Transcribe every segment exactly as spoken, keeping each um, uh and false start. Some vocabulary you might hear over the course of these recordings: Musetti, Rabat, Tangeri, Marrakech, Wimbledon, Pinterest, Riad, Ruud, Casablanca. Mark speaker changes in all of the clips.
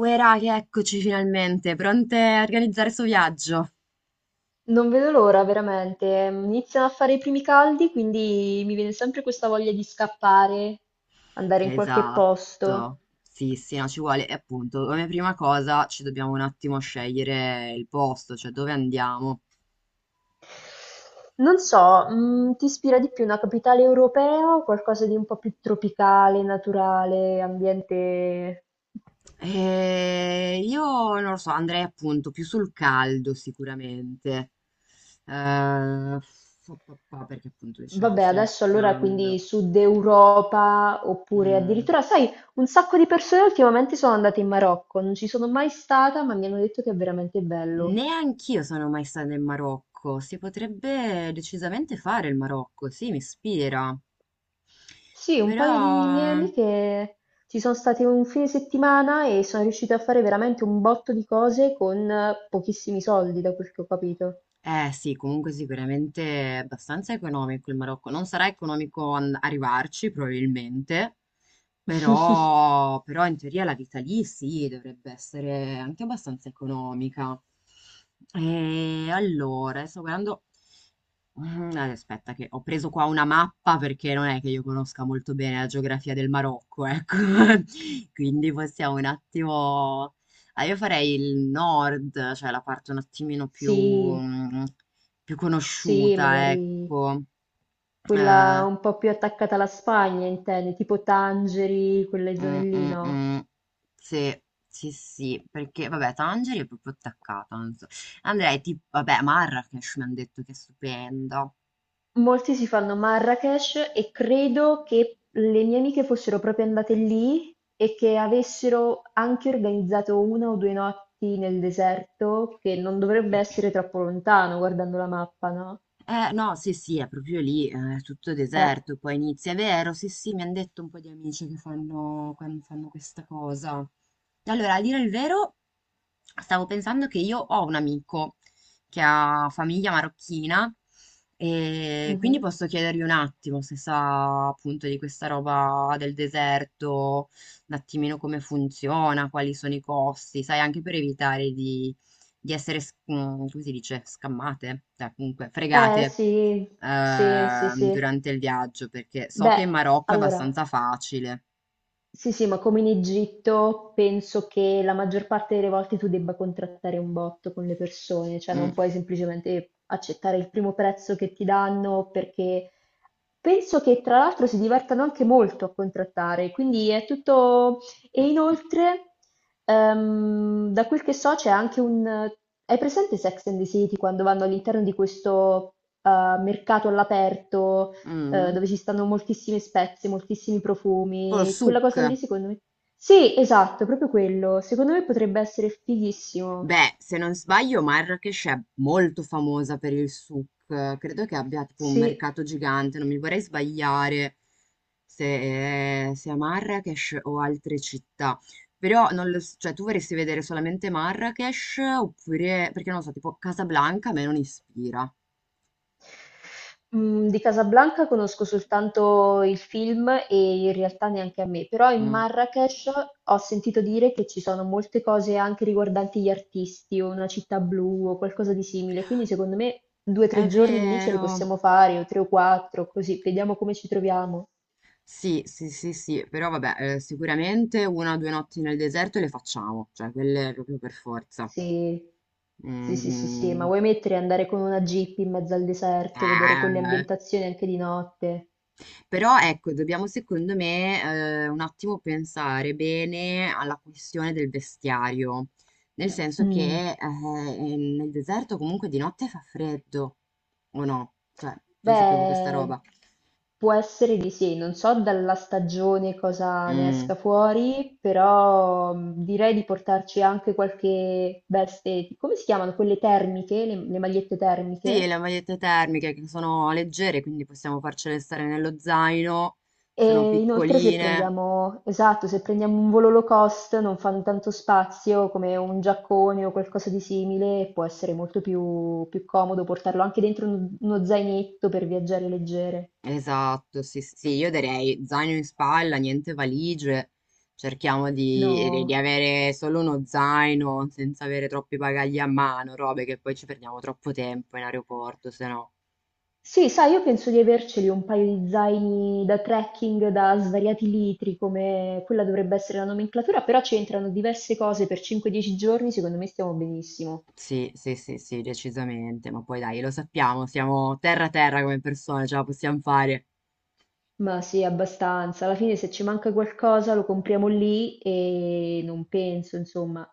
Speaker 1: Uè raga, eccoci finalmente, pronte a organizzare sto viaggio?
Speaker 2: Non vedo l'ora, veramente. Iniziano a fare i primi caldi, quindi mi viene sempre questa voglia di scappare, andare in qualche
Speaker 1: Esatto,
Speaker 2: posto.
Speaker 1: sì, sì, no, ci vuole. E appunto, come prima cosa ci dobbiamo un attimo scegliere il posto, cioè dove andiamo.
Speaker 2: Non so, mm, ti ispira di più una capitale europea o qualcosa di un po' più tropicale, naturale, ambiente...
Speaker 1: E io non lo so, andrei appunto più sul caldo sicuramente. Eh, fa- fa- fa, perché appunto diciamo,
Speaker 2: Vabbè,
Speaker 1: sta
Speaker 2: adesso allora quindi
Speaker 1: iniziando.
Speaker 2: Sud Europa oppure
Speaker 1: Mm.
Speaker 2: addirittura, sai, un sacco di persone ultimamente sono andate in Marocco, non ci sono mai stata, ma mi hanno detto che è veramente bello.
Speaker 1: Neanch'io sono mai stata in Marocco. Si potrebbe decisamente fare il Marocco, sì, mi ispira.
Speaker 2: Sì, un
Speaker 1: Però,
Speaker 2: paio di miei amiche ci sono state un fine settimana e sono riuscite a fare veramente un botto di cose con eh, pochissimi soldi, da quel che ho capito.
Speaker 1: eh sì, comunque sicuramente è abbastanza economico il Marocco. Non sarà economico an- arrivarci, probabilmente, però, però in teoria la vita lì sì, dovrebbe essere anche abbastanza economica. E allora, sto guardando. Mhmm, ad aspetta che ho preso qua una mappa perché non è che io conosca molto bene la geografia del Marocco, ecco. Quindi possiamo un attimo ah, io farei il nord, cioè la parte un attimino più
Speaker 2: Sì,
Speaker 1: mhmm, più
Speaker 2: sì,
Speaker 1: conosciuta,
Speaker 2: magari
Speaker 1: ecco.
Speaker 2: quella
Speaker 1: Ehm,
Speaker 2: un po' più attaccata alla Spagna, intendi, tipo Tangeri, quelle zone
Speaker 1: mh,
Speaker 2: lì,
Speaker 1: mh,
Speaker 2: no?
Speaker 1: mh. Sì, sì, sì, perché vabbè Tangeri è proprio attaccata, non so. Andrei tip vabbè Marrakech mi han detto che è stupenda.
Speaker 2: Molti si fanno Marrakech e credo che le mie amiche fossero proprio andate lì e che avessero anche organizzato una o due notti nel deserto, che non dovrebbe essere troppo lontano guardando la mappa, no?
Speaker 1: Eh, no, sì, sì, è proprio lì, eh, è tutto
Speaker 2: Eh,
Speaker 1: deserto, poi inizia, è vero, sì, sì, mi hanno detto un po' di amici che fanno, quando fanno questa cosa. Allora, a dire il vero, stavo pensando che io ho un amico che ha famiglia marocchina, e quindi
Speaker 2: mhm.
Speaker 1: posso chiedergli un attimo se sa appunto di questa roba del deserto, un attimino come funziona, quali sono i costi, sai, anche per evitare di di essere s mhmm, come si dice? Scammate? Cioè comunque
Speaker 2: Eh
Speaker 1: fregate,
Speaker 2: sì, sì, sì,
Speaker 1: ehm,
Speaker 2: sì.
Speaker 1: durante il viaggio, perché so che
Speaker 2: Beh,
Speaker 1: in Marocco è
Speaker 2: allora.
Speaker 1: abbastanza facile.
Speaker 2: Sì, sì, ma come in Egitto penso che la maggior parte delle volte tu debba contrattare un botto con le persone, cioè non
Speaker 1: Mh,
Speaker 2: puoi semplicemente accettare il primo prezzo che ti danno perché penso che tra l'altro si divertano anche molto a contrattare, quindi è tutto... E
Speaker 1: mh,
Speaker 2: inoltre, ehm, da quel che so c'è anche un... Hai presente Sex and the City quando vanno all'interno di questo eh, mercato all'aperto?
Speaker 1: mh,
Speaker 2: eh,
Speaker 1: mh.
Speaker 2: dove ci stanno moltissime spezie, moltissimi profumi. Quella
Speaker 1: Polsuk.
Speaker 2: cosa lì, secondo me. Sì, esatto, proprio quello. Secondo me potrebbe essere fighissimo.
Speaker 1: Beh, se non sbaglio, Marrakesh è molto famosa per il souk. Credo che abbia tipo un
Speaker 2: Sì.
Speaker 1: mercato gigante, non mi vorrei sbagliare se, se è Marrakesh o altre città. Però non lo s- cioè, tu vorresti vedere solamente Marrakesh oppure, perché non lo so, tipo Casablanca a me non ispira.
Speaker 2: Mm, di Casablanca conosco soltanto il film e in realtà neanche a me, però in
Speaker 1: Mm.
Speaker 2: Marrakech ho sentito dire che ci sono molte cose anche riguardanti gli artisti o una città blu o qualcosa di simile, quindi secondo me due o
Speaker 1: È
Speaker 2: tre giorni lì ce li
Speaker 1: vero.
Speaker 2: possiamo fare o tre o quattro, così vediamo come ci troviamo.
Speaker 1: Sì, sì, sì, sì, però vabbè, eh, sicuramente una o due notti nel deserto le facciamo, cioè quelle proprio per forza.
Speaker 2: Sì.
Speaker 1: Mm,
Speaker 2: Sì, sì, sì, sì, ma
Speaker 1: mm.
Speaker 2: vuoi mettere e andare con una jeep in mezzo al deserto, vedere quelle
Speaker 1: Eh,
Speaker 2: ambientazioni anche di notte?
Speaker 1: però ecco, dobbiamo secondo me eh, un attimo pensare bene alla questione del vestiario, nel senso
Speaker 2: Mm.
Speaker 1: che eh, nel deserto comunque di notte fa freddo, o no? Cioè, io sapevo questa
Speaker 2: Beh,
Speaker 1: roba.
Speaker 2: può essere di sì, non so dalla stagione cosa ne
Speaker 1: Mm.
Speaker 2: esca fuori, però mm, direi di portarci anche qualche veste, come si chiamano quelle termiche, le, le magliette
Speaker 1: Sì,
Speaker 2: termiche?
Speaker 1: le magliette termiche che sono leggere, quindi possiamo farcele stare nello zaino, sono
Speaker 2: E inoltre se
Speaker 1: piccoline.
Speaker 2: prendiamo, esatto, se prendiamo un volo low cost non fanno tanto spazio come un giaccone o qualcosa di simile, e può essere molto più, più comodo portarlo anche dentro un- uno zainetto per viaggiare leggere.
Speaker 1: Esatto, sì, sì, sì, io direi zaino in spalla, niente valigie, cerchiamo di, di- di
Speaker 2: No.
Speaker 1: avere solo uno zaino senza avere troppi bagagli a mano, robe che poi ci perdiamo troppo tempo in aeroporto, se no.
Speaker 2: Sì, sai, io penso di averceli un paio di zaini da trekking da svariati litri, come quella dovrebbe essere la nomenclatura, però ci entrano diverse cose per cinque dieci giorni, secondo me stiamo benissimo.
Speaker 1: Sì, sì, sì, sì, decisamente, ma poi dai, lo sappiamo, siamo terra a terra come persone, ce la possiamo fare.
Speaker 2: Ma sì, abbastanza. Alla fine se ci manca qualcosa lo compriamo lì e non penso, insomma.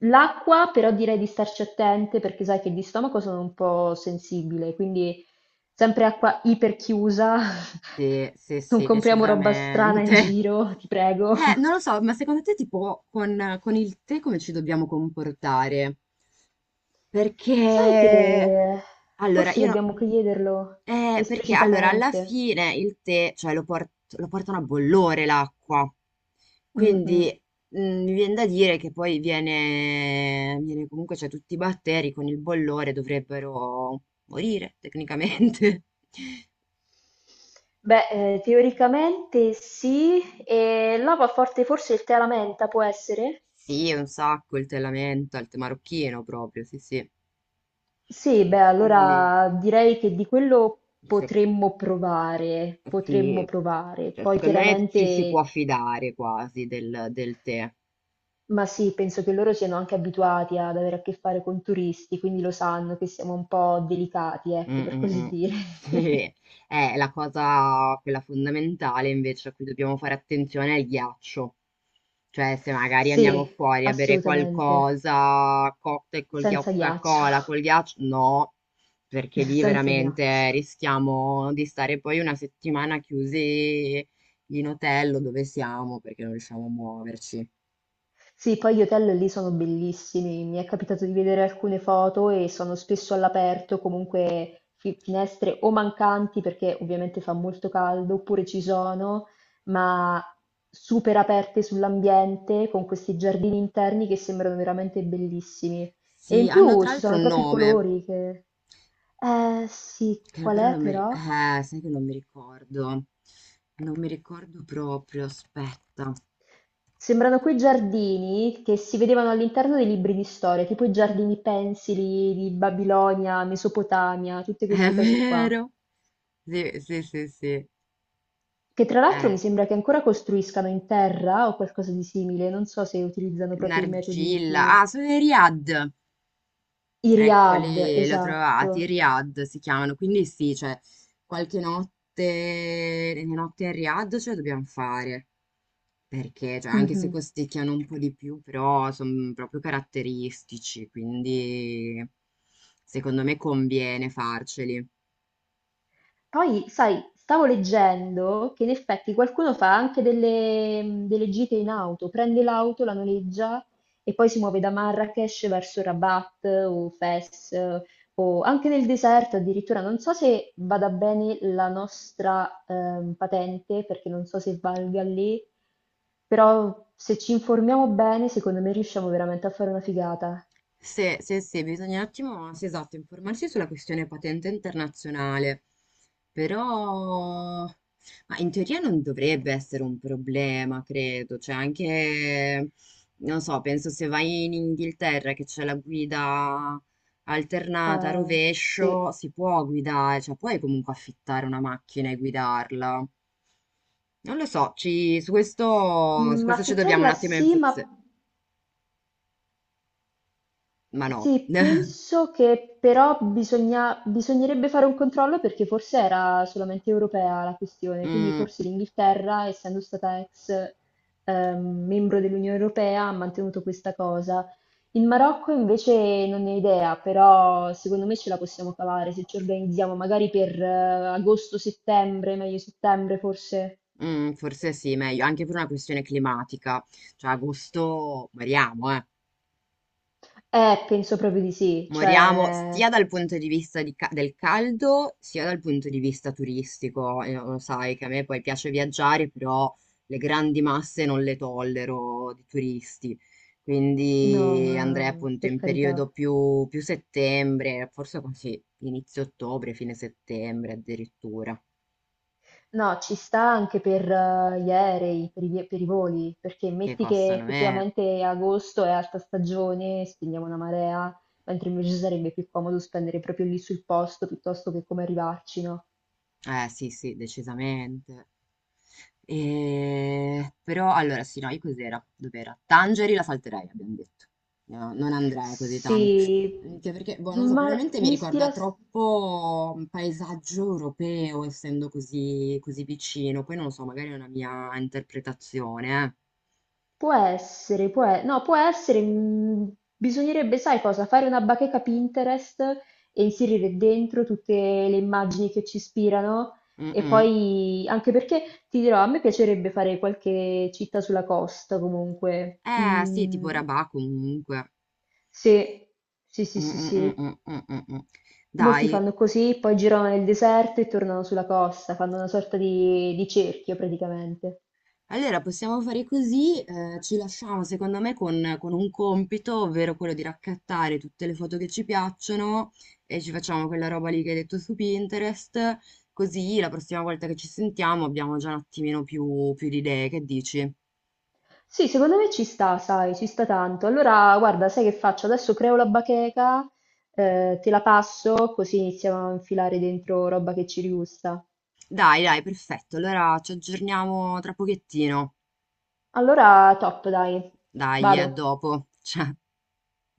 Speaker 2: L'acqua però direi di starci attente perché sai che di stomaco sono un po' sensibile, quindi sempre acqua iperchiusa.
Speaker 1: Sì, sì,
Speaker 2: Non
Speaker 1: sì,
Speaker 2: compriamo roba strana in
Speaker 1: decisamente.
Speaker 2: giro, ti prego.
Speaker 1: Eh, non lo so, ma secondo te tipo con, con il tè come ci dobbiamo comportare? Perché
Speaker 2: Sai che
Speaker 1: allora
Speaker 2: forse
Speaker 1: io no-
Speaker 2: dobbiamo chiederlo
Speaker 1: eh, perché allora alla
Speaker 2: esplicitamente.
Speaker 1: fine il tè, cioè lo, port- lo portano a bollore l'acqua.
Speaker 2: Mm,
Speaker 1: Quindi
Speaker 2: mm.
Speaker 1: mm, mi viene da dire che poi viene, viene comunque, cioè tutti i batteri con il bollore dovrebbero morire tecnicamente.
Speaker 2: Beh, ehm, teoricamente sì, e lava forte forse il tè alla menta, può essere?
Speaker 1: Sì, un sacco il tè lamenta, il tè marocchino proprio, sì, sì.
Speaker 2: Sì, beh,
Speaker 1: Quindi,
Speaker 2: allora direi che di quello
Speaker 1: se-
Speaker 2: potremmo provare, potremmo
Speaker 1: sì,
Speaker 2: provare.
Speaker 1: cioè,
Speaker 2: Poi
Speaker 1: secondo me ci si può
Speaker 2: chiaramente,
Speaker 1: fidare quasi del, del tè.
Speaker 2: ma sì, penso che loro siano anche abituati ad avere a che fare con turisti, quindi lo sanno che siamo un po' delicati,
Speaker 1: Mh,
Speaker 2: ecco, per
Speaker 1: mh,
Speaker 2: così
Speaker 1: mh.
Speaker 2: dire.
Speaker 1: Sì, eh, la cosa quella fondamentale invece a cui dobbiamo fare attenzione è il ghiaccio. Cioè, se magari andiamo
Speaker 2: Sì,
Speaker 1: fuori a bere
Speaker 2: assolutamente,
Speaker 1: qualcosa, cocktail col ghiaccio,
Speaker 2: senza ghiaccio,
Speaker 1: Coca-Cola col ghiaccio, no, perché lì
Speaker 2: senza ghiaccio.
Speaker 1: veramente rischiamo di stare poi una settimana chiusi in hotel o dove siamo perché non riusciamo a muoverci.
Speaker 2: Sì, poi gli hotel lì sono bellissimi, mi è capitato di vedere alcune foto e sono spesso all'aperto, comunque fi- finestre o mancanti perché ovviamente fa molto caldo, oppure ci sono, ma super aperte sull'ambiente con questi giardini interni che sembrano veramente bellissimi. E
Speaker 1: Sì,
Speaker 2: in
Speaker 1: hanno
Speaker 2: più
Speaker 1: tra
Speaker 2: ci
Speaker 1: l'altro
Speaker 2: sono
Speaker 1: un
Speaker 2: proprio i
Speaker 1: nome.
Speaker 2: colori che... Eh sì,
Speaker 1: Che
Speaker 2: qual
Speaker 1: però
Speaker 2: è
Speaker 1: non mi... ri-
Speaker 2: però?
Speaker 1: Eh, sai che non mi ricordo. Non mi ricordo proprio, aspetta.
Speaker 2: Sembrano quei giardini che si vedevano all'interno dei libri di storia, tipo i giardini pensili di Babilonia, Mesopotamia, tutte
Speaker 1: È
Speaker 2: queste cose qua.
Speaker 1: vero. Sì, sì, sì, sì.
Speaker 2: Che tra l'altro mi
Speaker 1: Eh,
Speaker 2: sembra che ancora costruiscano in terra o qualcosa di simile, non so se utilizzano proprio i metodi
Speaker 1: Nargilla.
Speaker 2: più...
Speaker 1: Ah, sono i Riad.
Speaker 2: I riad,
Speaker 1: Eccoli, li ho
Speaker 2: esatto.
Speaker 1: trovati. Riad si chiamano. Quindi sì, cioè, qualche notte, le notti a Riad ce la dobbiamo fare. Perché, cioè, anche se
Speaker 2: Mhm.
Speaker 1: costicchiano un po' di più, però sono proprio caratteristici, quindi secondo me conviene farceli.
Speaker 2: Poi, sai, stavo leggendo che in effetti qualcuno fa anche delle, delle gite in auto, prende l'auto, la noleggia e poi si muove da Marrakesh verso Rabat o Fes o anche nel deserto addirittura. Non so se vada bene la nostra ehm, patente perché non so se valga lì, però se ci informiamo bene, secondo me riusciamo veramente a fare una figata.
Speaker 1: Se, se, se, bisogna un attimo, sì, esatto, informarsi sulla questione patente internazionale, però, ma in teoria non dovrebbe essere un problema, credo, cioè anche, non so, penso se vai in Inghilterra che c'è la guida alternata a
Speaker 2: Eh, sì.
Speaker 1: rovescio, si può guidare, cioè puoi comunque affittare una macchina e guidarla. Non lo so, ci- su questo, su
Speaker 2: Mm,
Speaker 1: questo ci dobbiamo un
Speaker 2: affittarla
Speaker 1: attimo
Speaker 2: sì,
Speaker 1: info...
Speaker 2: ma
Speaker 1: Ma no.
Speaker 2: sì, penso che però bisogna- bisognerebbe fare un controllo perché forse era solamente europea la questione, quindi
Speaker 1: Mm.
Speaker 2: forse l'Inghilterra, essendo stata ex ehm, membro dell'Unione Europea, ha mantenuto questa cosa. Il Marocco invece non ne ho idea, però secondo me ce la possiamo cavare se ci organizziamo magari per eh, agosto-settembre, meglio settembre forse.
Speaker 1: Mm, forse sì, meglio, anche per una questione climatica. Cioè, agosto moriamo, eh.
Speaker 2: Eh, penso proprio di sì,
Speaker 1: Moriamo
Speaker 2: cioè
Speaker 1: sia dal punto di vista di ca- del caldo, sia dal punto di vista turistico. Eh, lo sai che a me poi piace viaggiare, però le grandi masse non le tollero di turisti.
Speaker 2: no,
Speaker 1: Quindi andrei
Speaker 2: ma
Speaker 1: appunto
Speaker 2: per
Speaker 1: in
Speaker 2: carità.
Speaker 1: periodo più, più settembre, forse così, inizio ottobre, fine settembre addirittura,
Speaker 2: No, ci sta anche per eh, gli aerei, per i, vi- per i voli, perché
Speaker 1: che
Speaker 2: metti che
Speaker 1: costano meno.
Speaker 2: effettivamente agosto è alta stagione, spendiamo una marea, mentre invece sarebbe più comodo spendere proprio lì sul posto piuttosto che come arrivarci, no?
Speaker 1: Eh sì, sì, decisamente. E... Però allora sì, no, io cos'era? Dov'era? Tangeri la salterei, abbiamo detto. No, non andrei così tanto.
Speaker 2: Sì,
Speaker 1: Anche perché, boh, non so,
Speaker 2: ma
Speaker 1: probabilmente mi
Speaker 2: mi
Speaker 1: ricorda
Speaker 2: ispira.
Speaker 1: troppo un paesaggio europeo, essendo così, così vicino. Poi non lo so, magari è una mia interpretazione.
Speaker 2: Può essere, può e no, può essere, mhmm, bisognerebbe, sai cosa, fare una bacheca Pinterest e inserire dentro tutte le immagini che ci ispirano
Speaker 1: Eh,
Speaker 2: e
Speaker 1: Mm-mm.
Speaker 2: poi anche perché, ti dirò, a me piacerebbe fare qualche città sulla costa comunque.
Speaker 1: Eh, sì, tipo
Speaker 2: Mhmm,
Speaker 1: Rabat comunque.
Speaker 2: sì. Sì, sì,
Speaker 1: Mm,
Speaker 2: sì,
Speaker 1: mm, mm,
Speaker 2: sì.
Speaker 1: mm, mm, mm, mm.
Speaker 2: Molti
Speaker 1: Dai,
Speaker 2: fanno così, poi girano nel deserto e tornano sulla costa, fanno una sorta di di cerchio praticamente.
Speaker 1: allora, possiamo fare così, eh, ci lasciamo secondo me con, con un compito, ovvero quello di raccattare tutte le foto che ci piacciono e ci facciamo quella roba lì che hai detto su Pinterest, così la prossima volta che ci sentiamo abbiamo già un attimino più, più di idee, che dici?
Speaker 2: Sì, secondo me ci sta, sai, ci sta tanto. Allora, guarda, sai che faccio? Adesso creo la bacheca, eh, te la passo, così iniziamo a infilare dentro roba che ci rigusta.
Speaker 1: Dai, dai, perfetto, allora ci aggiorniamo tra pochettino,
Speaker 2: Allora, top, dai,
Speaker 1: dai,
Speaker 2: vado.
Speaker 1: a dopo, ciao.